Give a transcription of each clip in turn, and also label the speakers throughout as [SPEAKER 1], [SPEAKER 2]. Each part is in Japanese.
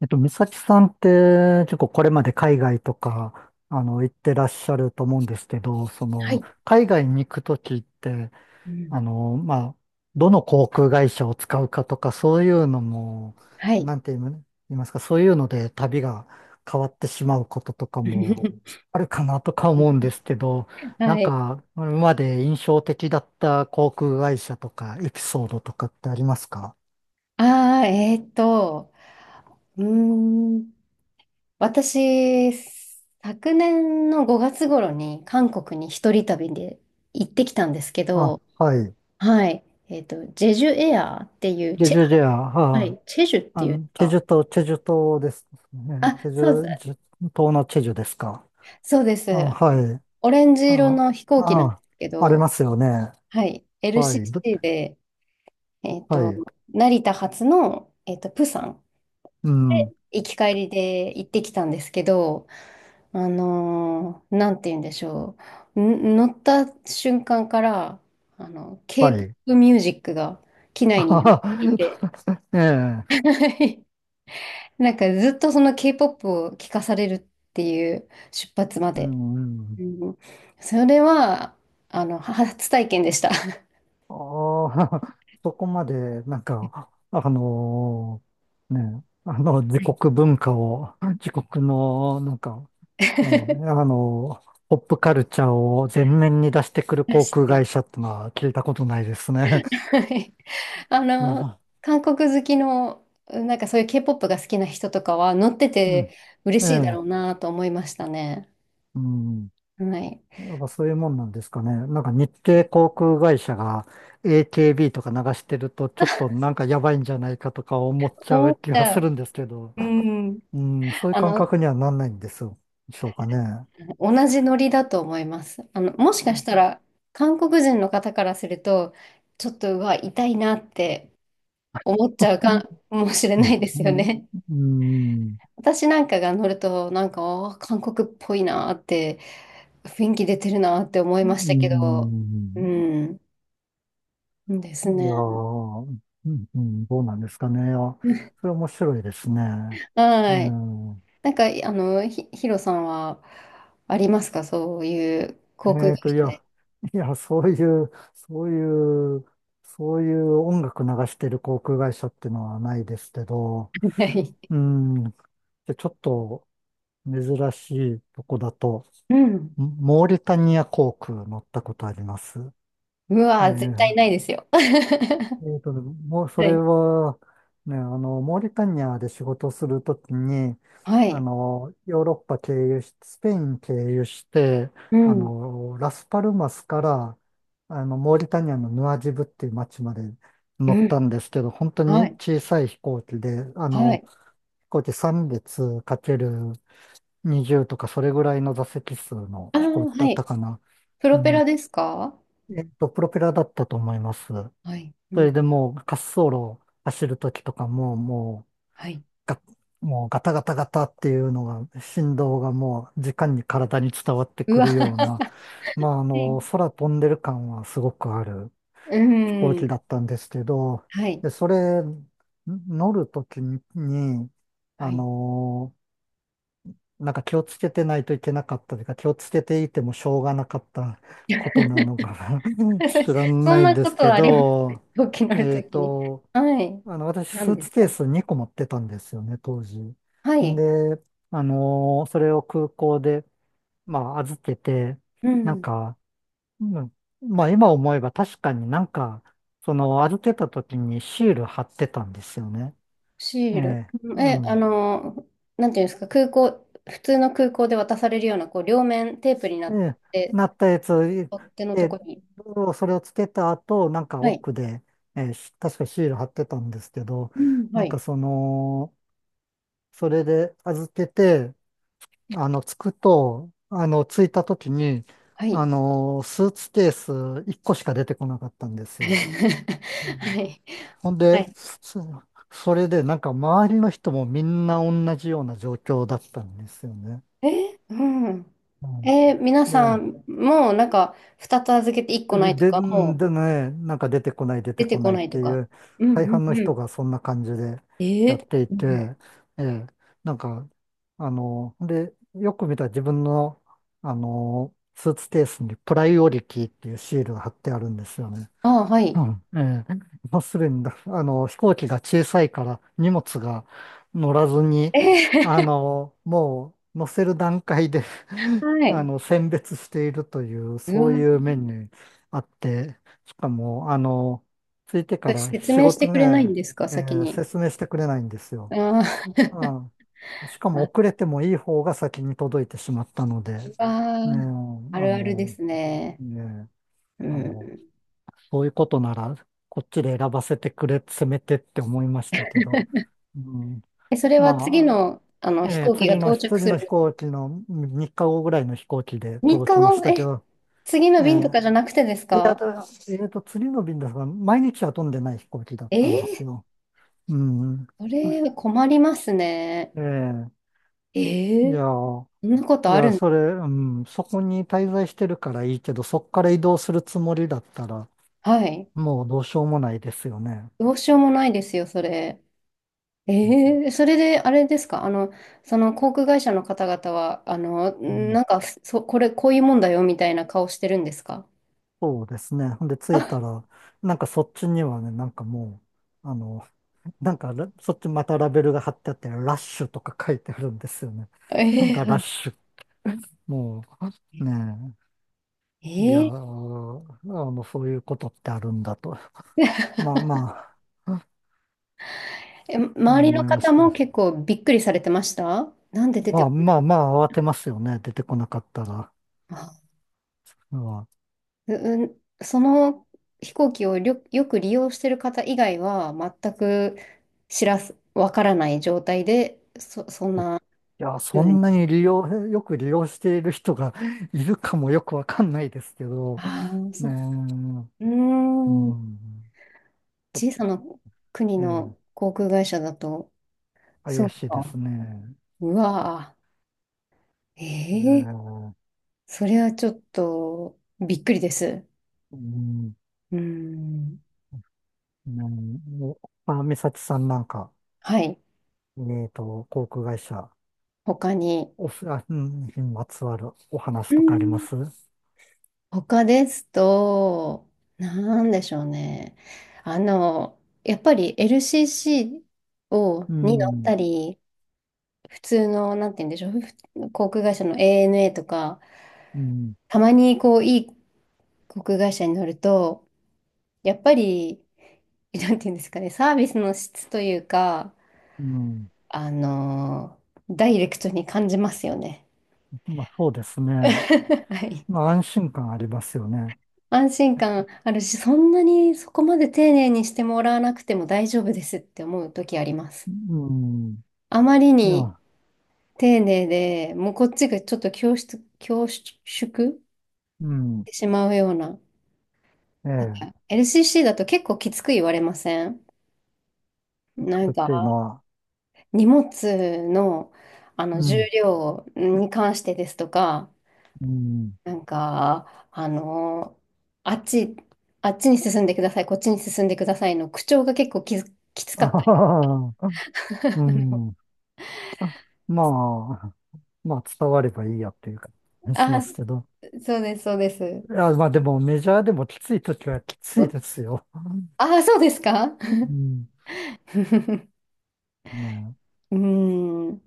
[SPEAKER 1] 美咲さんって結構これまで海外とか、行ってらっしゃると思うんですけど、
[SPEAKER 2] はい。
[SPEAKER 1] 海外に行くときって、
[SPEAKER 2] うん。
[SPEAKER 1] あの、まあ、どの航空会社を使うかとか、そういうのも、
[SPEAKER 2] はい。
[SPEAKER 1] なんて言いま言いますか、そういうので旅が変わってしまうこととかも あるかなとか思うんですけど、なん
[SPEAKER 2] はい。
[SPEAKER 1] か、今まで印象的だった航空会社とか、エピソードとかってありますか？
[SPEAKER 2] ああ、うーん、私、昨年の5月頃に韓国に一人旅で行ってきたんですけ
[SPEAKER 1] あ、
[SPEAKER 2] ど、
[SPEAKER 1] はい。
[SPEAKER 2] はい。ジェジュエアーっていう、
[SPEAKER 1] で、じゃあ、じゃ
[SPEAKER 2] は
[SPEAKER 1] あ、
[SPEAKER 2] い、チェジュっていうか、
[SPEAKER 1] チェジュ島ですね。
[SPEAKER 2] あ、そうです、
[SPEAKER 1] チェジュですか？
[SPEAKER 2] そうです。
[SPEAKER 1] あ、はい。
[SPEAKER 2] オレンジ色
[SPEAKER 1] あ、
[SPEAKER 2] の飛行機なんです
[SPEAKER 1] あ、
[SPEAKER 2] け
[SPEAKER 1] あり
[SPEAKER 2] ど、
[SPEAKER 1] ますよね。
[SPEAKER 2] はい。
[SPEAKER 1] はい。ど
[SPEAKER 2] LCC で、えーっ
[SPEAKER 1] は
[SPEAKER 2] と、
[SPEAKER 1] い。
[SPEAKER 2] 成田発の、プサン。
[SPEAKER 1] うん。
[SPEAKER 2] 行き帰りで行ってきたんですけど、なんて言うんでしょう。乗った瞬間から、
[SPEAKER 1] はい。
[SPEAKER 2] K-POP ミュージックが機
[SPEAKER 1] あ
[SPEAKER 2] 内になって
[SPEAKER 1] はは
[SPEAKER 2] いて、
[SPEAKER 1] ええ。
[SPEAKER 2] なんかずっとその K-POP を聴かされるっていう、出発ま
[SPEAKER 1] う
[SPEAKER 2] で。
[SPEAKER 1] ん。うん。
[SPEAKER 2] うん、それは、初体験でした。は
[SPEAKER 1] ああ、そこまで、なんか、あのね、自
[SPEAKER 2] い。
[SPEAKER 1] 国文化を、自国の、なんか、ええ、あの、ポップカルチャーを前面に出してくる
[SPEAKER 2] 出
[SPEAKER 1] 航
[SPEAKER 2] し
[SPEAKER 1] 空
[SPEAKER 2] ても、
[SPEAKER 1] 会社ってのは聞いたことないですね。
[SPEAKER 2] はい。あ
[SPEAKER 1] ま
[SPEAKER 2] の、
[SPEAKER 1] あ
[SPEAKER 2] 韓国好きの、なんかそういう K-POP が好きな人とかは乗って
[SPEAKER 1] うん。
[SPEAKER 2] て 嬉
[SPEAKER 1] え
[SPEAKER 2] しいだ
[SPEAKER 1] え、
[SPEAKER 2] ろうなと思いましたね。
[SPEAKER 1] うん。
[SPEAKER 2] はい。
[SPEAKER 1] やっぱそういうもんなんですかね。なんか日系航空会社が AKB とか流してるとちょっとなんかやばいんじゃないかとか思っちゃ
[SPEAKER 2] 思
[SPEAKER 1] う
[SPEAKER 2] っ
[SPEAKER 1] 気がす
[SPEAKER 2] た。
[SPEAKER 1] るんですけど、
[SPEAKER 2] うん。
[SPEAKER 1] うん、そういう
[SPEAKER 2] あ
[SPEAKER 1] 感
[SPEAKER 2] の、
[SPEAKER 1] 覚にはなんないんですよ。でしょうかね。
[SPEAKER 2] 同じノリだと思います。もしか
[SPEAKER 1] う
[SPEAKER 2] し
[SPEAKER 1] ん。
[SPEAKER 2] たら、韓国人の方からすると、ちょっと、うわ、痛いなって思っちゃうかもしれ
[SPEAKER 1] う
[SPEAKER 2] な
[SPEAKER 1] ん。
[SPEAKER 2] いですよね。
[SPEAKER 1] うん。
[SPEAKER 2] 私なんかが乗ると、なんか、あー韓国っぽいなーって、雰囲気出てるなーって思い
[SPEAKER 1] う
[SPEAKER 2] ましたけど、う
[SPEAKER 1] ん。
[SPEAKER 2] ん、で
[SPEAKER 1] い
[SPEAKER 2] す
[SPEAKER 1] や
[SPEAKER 2] ね。
[SPEAKER 1] ー、うん、うん、どうなんですかね。あ、それ面白いですね。う
[SPEAKER 2] はい。
[SPEAKER 1] ん、
[SPEAKER 2] なんか、ヒロさんはありますか、そういう航空会
[SPEAKER 1] い
[SPEAKER 2] 社
[SPEAKER 1] や、
[SPEAKER 2] で？
[SPEAKER 1] いや、そういう、そういう、そういう音楽流してる航空会社っていうのはないですけど、
[SPEAKER 2] はい。
[SPEAKER 1] うん、で、ちょっと珍しいとこだと、
[SPEAKER 2] うん。
[SPEAKER 1] モーリタニア航空乗ったことあります。
[SPEAKER 2] うわー、絶
[SPEAKER 1] え
[SPEAKER 2] 対な
[SPEAKER 1] え、
[SPEAKER 2] いですよ。は
[SPEAKER 1] えっとね、もうそれ
[SPEAKER 2] い。
[SPEAKER 1] は、ね、モーリタニアで仕事するときに、
[SPEAKER 2] はい。
[SPEAKER 1] ヨーロッパ経由し、スペイン経由して、
[SPEAKER 2] うん。
[SPEAKER 1] ラスパルマスから、モーリタニアのヌアジブっていう町まで乗
[SPEAKER 2] う
[SPEAKER 1] っ
[SPEAKER 2] ん。
[SPEAKER 1] たんですけど、本当
[SPEAKER 2] は
[SPEAKER 1] に
[SPEAKER 2] い。
[SPEAKER 1] 小さい飛行機で、
[SPEAKER 2] はい。
[SPEAKER 1] 飛行機3列かける20とかそれぐらいの座席数の
[SPEAKER 2] ああ、
[SPEAKER 1] 飛行機だ
[SPEAKER 2] は
[SPEAKER 1] った
[SPEAKER 2] い。
[SPEAKER 1] かな。
[SPEAKER 2] プ
[SPEAKER 1] う
[SPEAKER 2] ロペ
[SPEAKER 1] ん。
[SPEAKER 2] ラですか？
[SPEAKER 1] えっと、プロペラだったと思います。
[SPEAKER 2] はい。う
[SPEAKER 1] それ
[SPEAKER 2] ん。
[SPEAKER 1] でもう滑走路を走るときとかも、
[SPEAKER 2] はい。
[SPEAKER 1] ガ、もうガタガタガタっていうのが、振動がもう時間に体に伝わって
[SPEAKER 2] う
[SPEAKER 1] く
[SPEAKER 2] わ。
[SPEAKER 1] るような、
[SPEAKER 2] は
[SPEAKER 1] まああ
[SPEAKER 2] い。
[SPEAKER 1] の、空飛んでる感はすごくある
[SPEAKER 2] う
[SPEAKER 1] 飛行
[SPEAKER 2] ん。
[SPEAKER 1] 機だったんですけど、
[SPEAKER 2] はい。
[SPEAKER 1] で、それ、乗るときに、
[SPEAKER 2] は
[SPEAKER 1] あ
[SPEAKER 2] い。
[SPEAKER 1] の、なんか気をつけてないといけなかったというか、気をつけていてもしょうがなかったことなのかな 知 ら
[SPEAKER 2] そ
[SPEAKER 1] な
[SPEAKER 2] ん
[SPEAKER 1] いん
[SPEAKER 2] な
[SPEAKER 1] で
[SPEAKER 2] こ
[SPEAKER 1] す
[SPEAKER 2] と
[SPEAKER 1] け
[SPEAKER 2] はあります、
[SPEAKER 1] ど、
[SPEAKER 2] 大きなる
[SPEAKER 1] え
[SPEAKER 2] と
[SPEAKER 1] っ
[SPEAKER 2] きに。
[SPEAKER 1] と、
[SPEAKER 2] はい。
[SPEAKER 1] 私、ス
[SPEAKER 2] 何
[SPEAKER 1] ー
[SPEAKER 2] で
[SPEAKER 1] ツ
[SPEAKER 2] す
[SPEAKER 1] ケー
[SPEAKER 2] か？
[SPEAKER 1] ス2個持ってたんですよね、当時。
[SPEAKER 2] はい。
[SPEAKER 1] で、あのーそれを空港で、まあ、預けて、
[SPEAKER 2] う
[SPEAKER 1] なん
[SPEAKER 2] ん。
[SPEAKER 1] か、うん、まあ、今思えば確かになんか、その、預けた時にシール貼ってたんですよね。
[SPEAKER 2] シ
[SPEAKER 1] え
[SPEAKER 2] ール。
[SPEAKER 1] え、
[SPEAKER 2] うん。
[SPEAKER 1] う
[SPEAKER 2] え、あ
[SPEAKER 1] ん。
[SPEAKER 2] の、なんていうんですか、空港、普通の空港で渡されるような、こう、両面テープになっ
[SPEAKER 1] で、
[SPEAKER 2] て、
[SPEAKER 1] なったやつ、
[SPEAKER 2] 取っ手のと
[SPEAKER 1] で、
[SPEAKER 2] こに。
[SPEAKER 1] それをつけた後、なんか
[SPEAKER 2] はい。
[SPEAKER 1] 奥で、ええ、し確かシール貼ってたんですけど、
[SPEAKER 2] うん。は
[SPEAKER 1] なんか
[SPEAKER 2] い。
[SPEAKER 1] その、それで預けて、あの、つくと、あの、着いた時に、
[SPEAKER 2] はい。
[SPEAKER 1] スーツケース1個しか出てこなかったんで すよ。うん、
[SPEAKER 2] はい。
[SPEAKER 1] ほん
[SPEAKER 2] は
[SPEAKER 1] で、
[SPEAKER 2] い。
[SPEAKER 1] そ、それでなんか周りの人もみんな同じような状況だったんですよね。
[SPEAKER 2] え、うん。
[SPEAKER 1] うん、
[SPEAKER 2] 皆
[SPEAKER 1] で、
[SPEAKER 2] さん、もうなんか、2つ預けて1個な
[SPEAKER 1] で、
[SPEAKER 2] いと
[SPEAKER 1] で、で
[SPEAKER 2] か、もう
[SPEAKER 1] ね、なんか出てこない出て
[SPEAKER 2] 出て
[SPEAKER 1] こ
[SPEAKER 2] こ
[SPEAKER 1] ないっ
[SPEAKER 2] ない
[SPEAKER 1] て
[SPEAKER 2] と
[SPEAKER 1] い
[SPEAKER 2] か。
[SPEAKER 1] う、
[SPEAKER 2] うん
[SPEAKER 1] 大
[SPEAKER 2] う
[SPEAKER 1] 半の
[SPEAKER 2] んう
[SPEAKER 1] 人
[SPEAKER 2] ん。
[SPEAKER 1] がそんな感じでやってい
[SPEAKER 2] うん、
[SPEAKER 1] て、ええ、なんか、で、よく見たら自分の、スーツケースにプライオリティっていうシールが貼ってあるんですよね。
[SPEAKER 2] ああ、は
[SPEAKER 1] う
[SPEAKER 2] い。
[SPEAKER 1] んええ、もうすでにだ、飛行機が小さいから荷物が乗らずに、
[SPEAKER 2] ええ、
[SPEAKER 1] もう乗せる段階で
[SPEAKER 2] はい。
[SPEAKER 1] 選別しているという、
[SPEAKER 2] う
[SPEAKER 1] そう
[SPEAKER 2] わ、
[SPEAKER 1] いう面にあって、しかも、着いてから
[SPEAKER 2] 説
[SPEAKER 1] 仕
[SPEAKER 2] 明して
[SPEAKER 1] 事
[SPEAKER 2] くれないん
[SPEAKER 1] ね、
[SPEAKER 2] ですか、
[SPEAKER 1] え
[SPEAKER 2] 先
[SPEAKER 1] え
[SPEAKER 2] に？
[SPEAKER 1] 説明してくれないんですよ。
[SPEAKER 2] あ
[SPEAKER 1] うん、しか
[SPEAKER 2] あ、
[SPEAKER 1] も
[SPEAKER 2] あ、
[SPEAKER 1] 遅れてもいい方が先に届いてしまったので、ね
[SPEAKER 2] うわ、
[SPEAKER 1] え、
[SPEAKER 2] あるあるで
[SPEAKER 1] の、
[SPEAKER 2] すね。
[SPEAKER 1] ねえ、
[SPEAKER 2] う
[SPEAKER 1] あ
[SPEAKER 2] ん。
[SPEAKER 1] の、そういうことなら、こっちで選ばせてくれ、せめてって思いましたけど。うん、
[SPEAKER 2] え、それは次
[SPEAKER 1] ま
[SPEAKER 2] の、
[SPEAKER 1] あ、
[SPEAKER 2] 飛行機が到着
[SPEAKER 1] 次
[SPEAKER 2] す
[SPEAKER 1] の飛
[SPEAKER 2] る
[SPEAKER 1] 行機の3日後ぐらいの飛行機で
[SPEAKER 2] 3
[SPEAKER 1] 届
[SPEAKER 2] 日
[SPEAKER 1] きまし
[SPEAKER 2] 後、
[SPEAKER 1] たけ
[SPEAKER 2] え、
[SPEAKER 1] ど、
[SPEAKER 2] 次の
[SPEAKER 1] え
[SPEAKER 2] 便とか
[SPEAKER 1] ー
[SPEAKER 2] じゃなくてです
[SPEAKER 1] であ
[SPEAKER 2] か？
[SPEAKER 1] とえーと、次の便ですが、毎日は飛んでない飛行機だっ
[SPEAKER 2] え
[SPEAKER 1] たんです
[SPEAKER 2] ー、
[SPEAKER 1] よ。うん。
[SPEAKER 2] それは困りますね。
[SPEAKER 1] えー
[SPEAKER 2] え
[SPEAKER 1] い
[SPEAKER 2] ー
[SPEAKER 1] やー、
[SPEAKER 2] そんなこ
[SPEAKER 1] い
[SPEAKER 2] とある
[SPEAKER 1] や、
[SPEAKER 2] ん。
[SPEAKER 1] それ、うん、そこに滞在してるからいいけど、そこから移動するつもりだったら、
[SPEAKER 2] はい。
[SPEAKER 1] もうどうしようもないですよね。
[SPEAKER 2] どうしようもないですよ、それ。ええ、それで、あれですか、その航空会社の方々は、
[SPEAKER 1] うん
[SPEAKER 2] なんか、そ、これ、こういうもんだよ、みたいな顔してるんですか？
[SPEAKER 1] そうですね。ほんで、着い
[SPEAKER 2] あ、
[SPEAKER 1] たら、なんかそっちにはね、なんかもう、あの、なんかそっちまたラベルが貼ってあって、ラッシュとか書いてあるんですよね。なん
[SPEAKER 2] ええ、
[SPEAKER 1] だ
[SPEAKER 2] は
[SPEAKER 1] ラッ
[SPEAKER 2] い。
[SPEAKER 1] シュ。もう、ねえ。いやー、
[SPEAKER 2] ええ、
[SPEAKER 1] そういうことってあるんだと。まあまあ、うん
[SPEAKER 2] 周りの
[SPEAKER 1] 思いま
[SPEAKER 2] 方
[SPEAKER 1] し
[SPEAKER 2] も
[SPEAKER 1] た。
[SPEAKER 2] 結構びっくりされてました、なんで出
[SPEAKER 1] ま
[SPEAKER 2] て
[SPEAKER 1] あ
[SPEAKER 2] こな
[SPEAKER 1] まあ
[SPEAKER 2] い。
[SPEAKER 1] まあ、慌てますよね。出てこなかったら。
[SPEAKER 2] あ、
[SPEAKER 1] うん、
[SPEAKER 2] う、うん、その飛行機をよく利用してる方以外は、全く知らす、わからない状態で、そんな
[SPEAKER 1] いや、そ
[SPEAKER 2] 風に。
[SPEAKER 1] んなに利用、よく利用している人が いるかもよくわかんないですけど、
[SPEAKER 2] ああ、そ
[SPEAKER 1] ね
[SPEAKER 2] う。
[SPEAKER 1] え。
[SPEAKER 2] う
[SPEAKER 1] う
[SPEAKER 2] ーん。
[SPEAKER 1] ん。ちょっと
[SPEAKER 2] 小さな国
[SPEAKER 1] え
[SPEAKER 2] の
[SPEAKER 1] え、
[SPEAKER 2] 航空会社だと、そ
[SPEAKER 1] 怪
[SPEAKER 2] う
[SPEAKER 1] しいで
[SPEAKER 2] か。
[SPEAKER 1] すね。
[SPEAKER 2] うわぁ。
[SPEAKER 1] ええ、
[SPEAKER 2] ええ、
[SPEAKER 1] う
[SPEAKER 2] それはちょっとびっくりです。
[SPEAKER 1] ん、
[SPEAKER 2] うん。
[SPEAKER 1] うんおまあ、美咲さんなんか、
[SPEAKER 2] はい。
[SPEAKER 1] 航空会社、
[SPEAKER 2] 他に。
[SPEAKER 1] おす、あ、うん、にまつわるお
[SPEAKER 2] う
[SPEAKER 1] 話とかありま
[SPEAKER 2] ん、
[SPEAKER 1] すう？
[SPEAKER 2] 他ですと、なんでしょうね。あの、やっぱり LCC に乗っ
[SPEAKER 1] ん、
[SPEAKER 2] たり、普通の、なんて言うんでしょう、航空会社の ANA とか、
[SPEAKER 1] うん、
[SPEAKER 2] たまにこう、いい航空会社に乗ると、やっぱり、なんていうんですかね、サービスの質というか、
[SPEAKER 1] うん。
[SPEAKER 2] ダイレクトに感じますよね。
[SPEAKER 1] まあ、そうです ね。
[SPEAKER 2] はい。
[SPEAKER 1] まあ、安心感ありますよね。
[SPEAKER 2] 安心感あるし、そんなにそこまで丁寧にしてもらわなくても大丈夫ですって思う時あります。
[SPEAKER 1] うん、
[SPEAKER 2] あまり
[SPEAKER 1] い
[SPEAKER 2] に
[SPEAKER 1] や、
[SPEAKER 2] 丁寧で、もうこっちがちょっと恐縮し
[SPEAKER 1] うん、
[SPEAKER 2] てしまうような。
[SPEAKER 1] え
[SPEAKER 2] なん
[SPEAKER 1] え、
[SPEAKER 2] か LCC だと結構きつく言われません？なん
[SPEAKER 1] 作っ
[SPEAKER 2] か
[SPEAKER 1] ていうのは、
[SPEAKER 2] 荷物の、
[SPEAKER 1] う
[SPEAKER 2] 重
[SPEAKER 1] ん、
[SPEAKER 2] 量に関してですとか、
[SPEAKER 1] うん、
[SPEAKER 2] なんか、あの、あっち、あっちに進んでください、こっちに進んでくださいの口調が結構きつ
[SPEAKER 1] あ
[SPEAKER 2] かっ
[SPEAKER 1] は
[SPEAKER 2] た。
[SPEAKER 1] はは、う ん、まあ、まあ伝わればいいやっていう感じしま
[SPEAKER 2] あ、
[SPEAKER 1] すけど。
[SPEAKER 2] そうです、そうです。
[SPEAKER 1] いや、まあでもメジャーでもきつい時はきついで
[SPEAKER 2] う
[SPEAKER 1] すよ。
[SPEAKER 2] あ、そうですか。 う
[SPEAKER 1] うん。ね
[SPEAKER 2] ーん、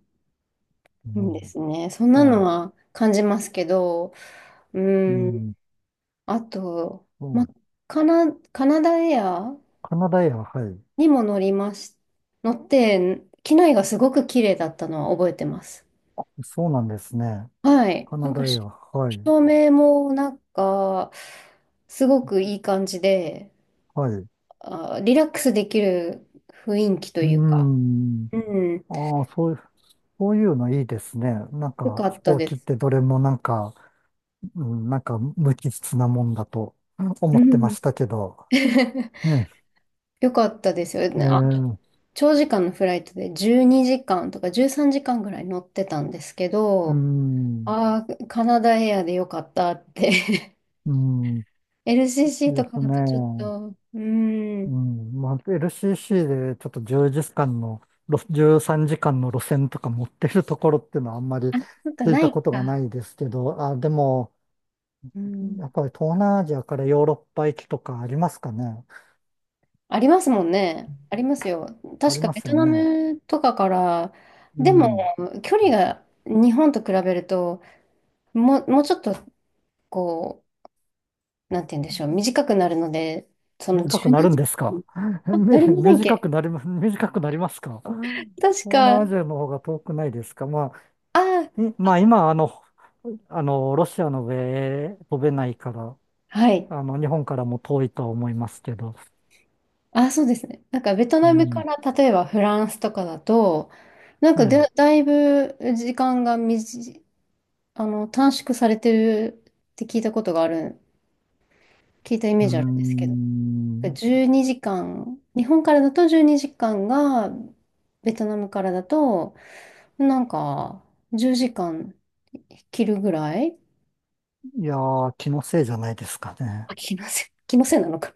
[SPEAKER 1] え。
[SPEAKER 2] い
[SPEAKER 1] う
[SPEAKER 2] いで
[SPEAKER 1] ん。
[SPEAKER 2] すね。そんなの
[SPEAKER 1] そ
[SPEAKER 2] は感じますけど、う
[SPEAKER 1] う。う
[SPEAKER 2] ーん、
[SPEAKER 1] ん。
[SPEAKER 2] あと、
[SPEAKER 1] そ
[SPEAKER 2] ま、
[SPEAKER 1] う。
[SPEAKER 2] カナダエア
[SPEAKER 1] カナダエア、はい。
[SPEAKER 2] にも乗りまし、乗って、機内がすごく綺麗だったのは覚えてます。
[SPEAKER 1] そうなんですね。
[SPEAKER 2] はい。
[SPEAKER 1] カ
[SPEAKER 2] な
[SPEAKER 1] ナ
[SPEAKER 2] んか
[SPEAKER 1] ダエ
[SPEAKER 2] し、
[SPEAKER 1] ア、はい。
[SPEAKER 2] 照明もなんか、すごくいい感じで、
[SPEAKER 1] はい。
[SPEAKER 2] あ、リラックスできる雰囲気と
[SPEAKER 1] う
[SPEAKER 2] いうか、
[SPEAKER 1] ん。
[SPEAKER 2] うん、
[SPEAKER 1] ああ、そういうのいいですね。なん
[SPEAKER 2] よ
[SPEAKER 1] か
[SPEAKER 2] か
[SPEAKER 1] 飛
[SPEAKER 2] った
[SPEAKER 1] 行
[SPEAKER 2] で
[SPEAKER 1] 機っ
[SPEAKER 2] す。
[SPEAKER 1] てどれもなんか、うん、なんか無機質なもんだと
[SPEAKER 2] う
[SPEAKER 1] 思ってま
[SPEAKER 2] ん。
[SPEAKER 1] したけど。ね
[SPEAKER 2] よかったですよ
[SPEAKER 1] え。え
[SPEAKER 2] ね。あ、
[SPEAKER 1] ー、
[SPEAKER 2] 長時間のフライトで12時間とか13時間ぐらい乗ってたんですけ
[SPEAKER 1] う
[SPEAKER 2] ど、
[SPEAKER 1] ん。
[SPEAKER 2] ああ、カナダエアでよかったって。
[SPEAKER 1] うん。で
[SPEAKER 2] LCC とか
[SPEAKER 1] す
[SPEAKER 2] だ
[SPEAKER 1] ね。
[SPEAKER 2] とちょっと、う
[SPEAKER 1] う
[SPEAKER 2] ん、
[SPEAKER 1] ん。まあ、LCC でちょっと1時間の、ろ13時間の路線とか持ってるところっていうのはあんまり
[SPEAKER 2] あ、そっか、
[SPEAKER 1] 聞い
[SPEAKER 2] な
[SPEAKER 1] た
[SPEAKER 2] い
[SPEAKER 1] ことがな
[SPEAKER 2] か。
[SPEAKER 1] いですけど、あ、でも、
[SPEAKER 2] うん、
[SPEAKER 1] やっぱり東南アジアからヨーロッパ行きとかありますかね。
[SPEAKER 2] ありますもんね。ありますよ。
[SPEAKER 1] あ
[SPEAKER 2] 確
[SPEAKER 1] り
[SPEAKER 2] か
[SPEAKER 1] ま
[SPEAKER 2] ベ
[SPEAKER 1] す
[SPEAKER 2] ト
[SPEAKER 1] よ
[SPEAKER 2] ナ
[SPEAKER 1] ね。
[SPEAKER 2] ムとかから、
[SPEAKER 1] う
[SPEAKER 2] でも
[SPEAKER 1] ん。
[SPEAKER 2] 距離が日本と比べると、もうちょっとこう、なんて言うんでしょう、短くなるので、その
[SPEAKER 1] 短
[SPEAKER 2] 柔
[SPEAKER 1] くなるんです
[SPEAKER 2] 軟
[SPEAKER 1] か？
[SPEAKER 2] あ、な
[SPEAKER 1] め
[SPEAKER 2] りませんっ
[SPEAKER 1] 短
[SPEAKER 2] け、
[SPEAKER 1] くなりま、短くなりますか？
[SPEAKER 2] 確
[SPEAKER 1] 東
[SPEAKER 2] か、あ
[SPEAKER 1] 南アジアの方が遠くないですか？ま
[SPEAKER 2] あ、
[SPEAKER 1] あ、いまあ今、ロシアの上へ飛べないから、
[SPEAKER 2] はい。
[SPEAKER 1] 日本からも遠いとは思いますけど。
[SPEAKER 2] あ、そうですね。なんかベト
[SPEAKER 1] う
[SPEAKER 2] ナムか
[SPEAKER 1] ん。
[SPEAKER 2] ら例えばフランスとかだと、なん
[SPEAKER 1] え
[SPEAKER 2] かで、
[SPEAKER 1] え。
[SPEAKER 2] だいぶ時間が短い、短縮されてるって聞いたことがある、聞いたイ
[SPEAKER 1] う
[SPEAKER 2] メー
[SPEAKER 1] ー
[SPEAKER 2] ジあるんですけど、
[SPEAKER 1] ん。
[SPEAKER 2] 12時間、日本からだと12時間が、ベトナムからだと、なんか、10時間切るぐらい。
[SPEAKER 1] いやー、気のせいじゃないですかね。
[SPEAKER 2] あ、気のせい、気のせいなのか。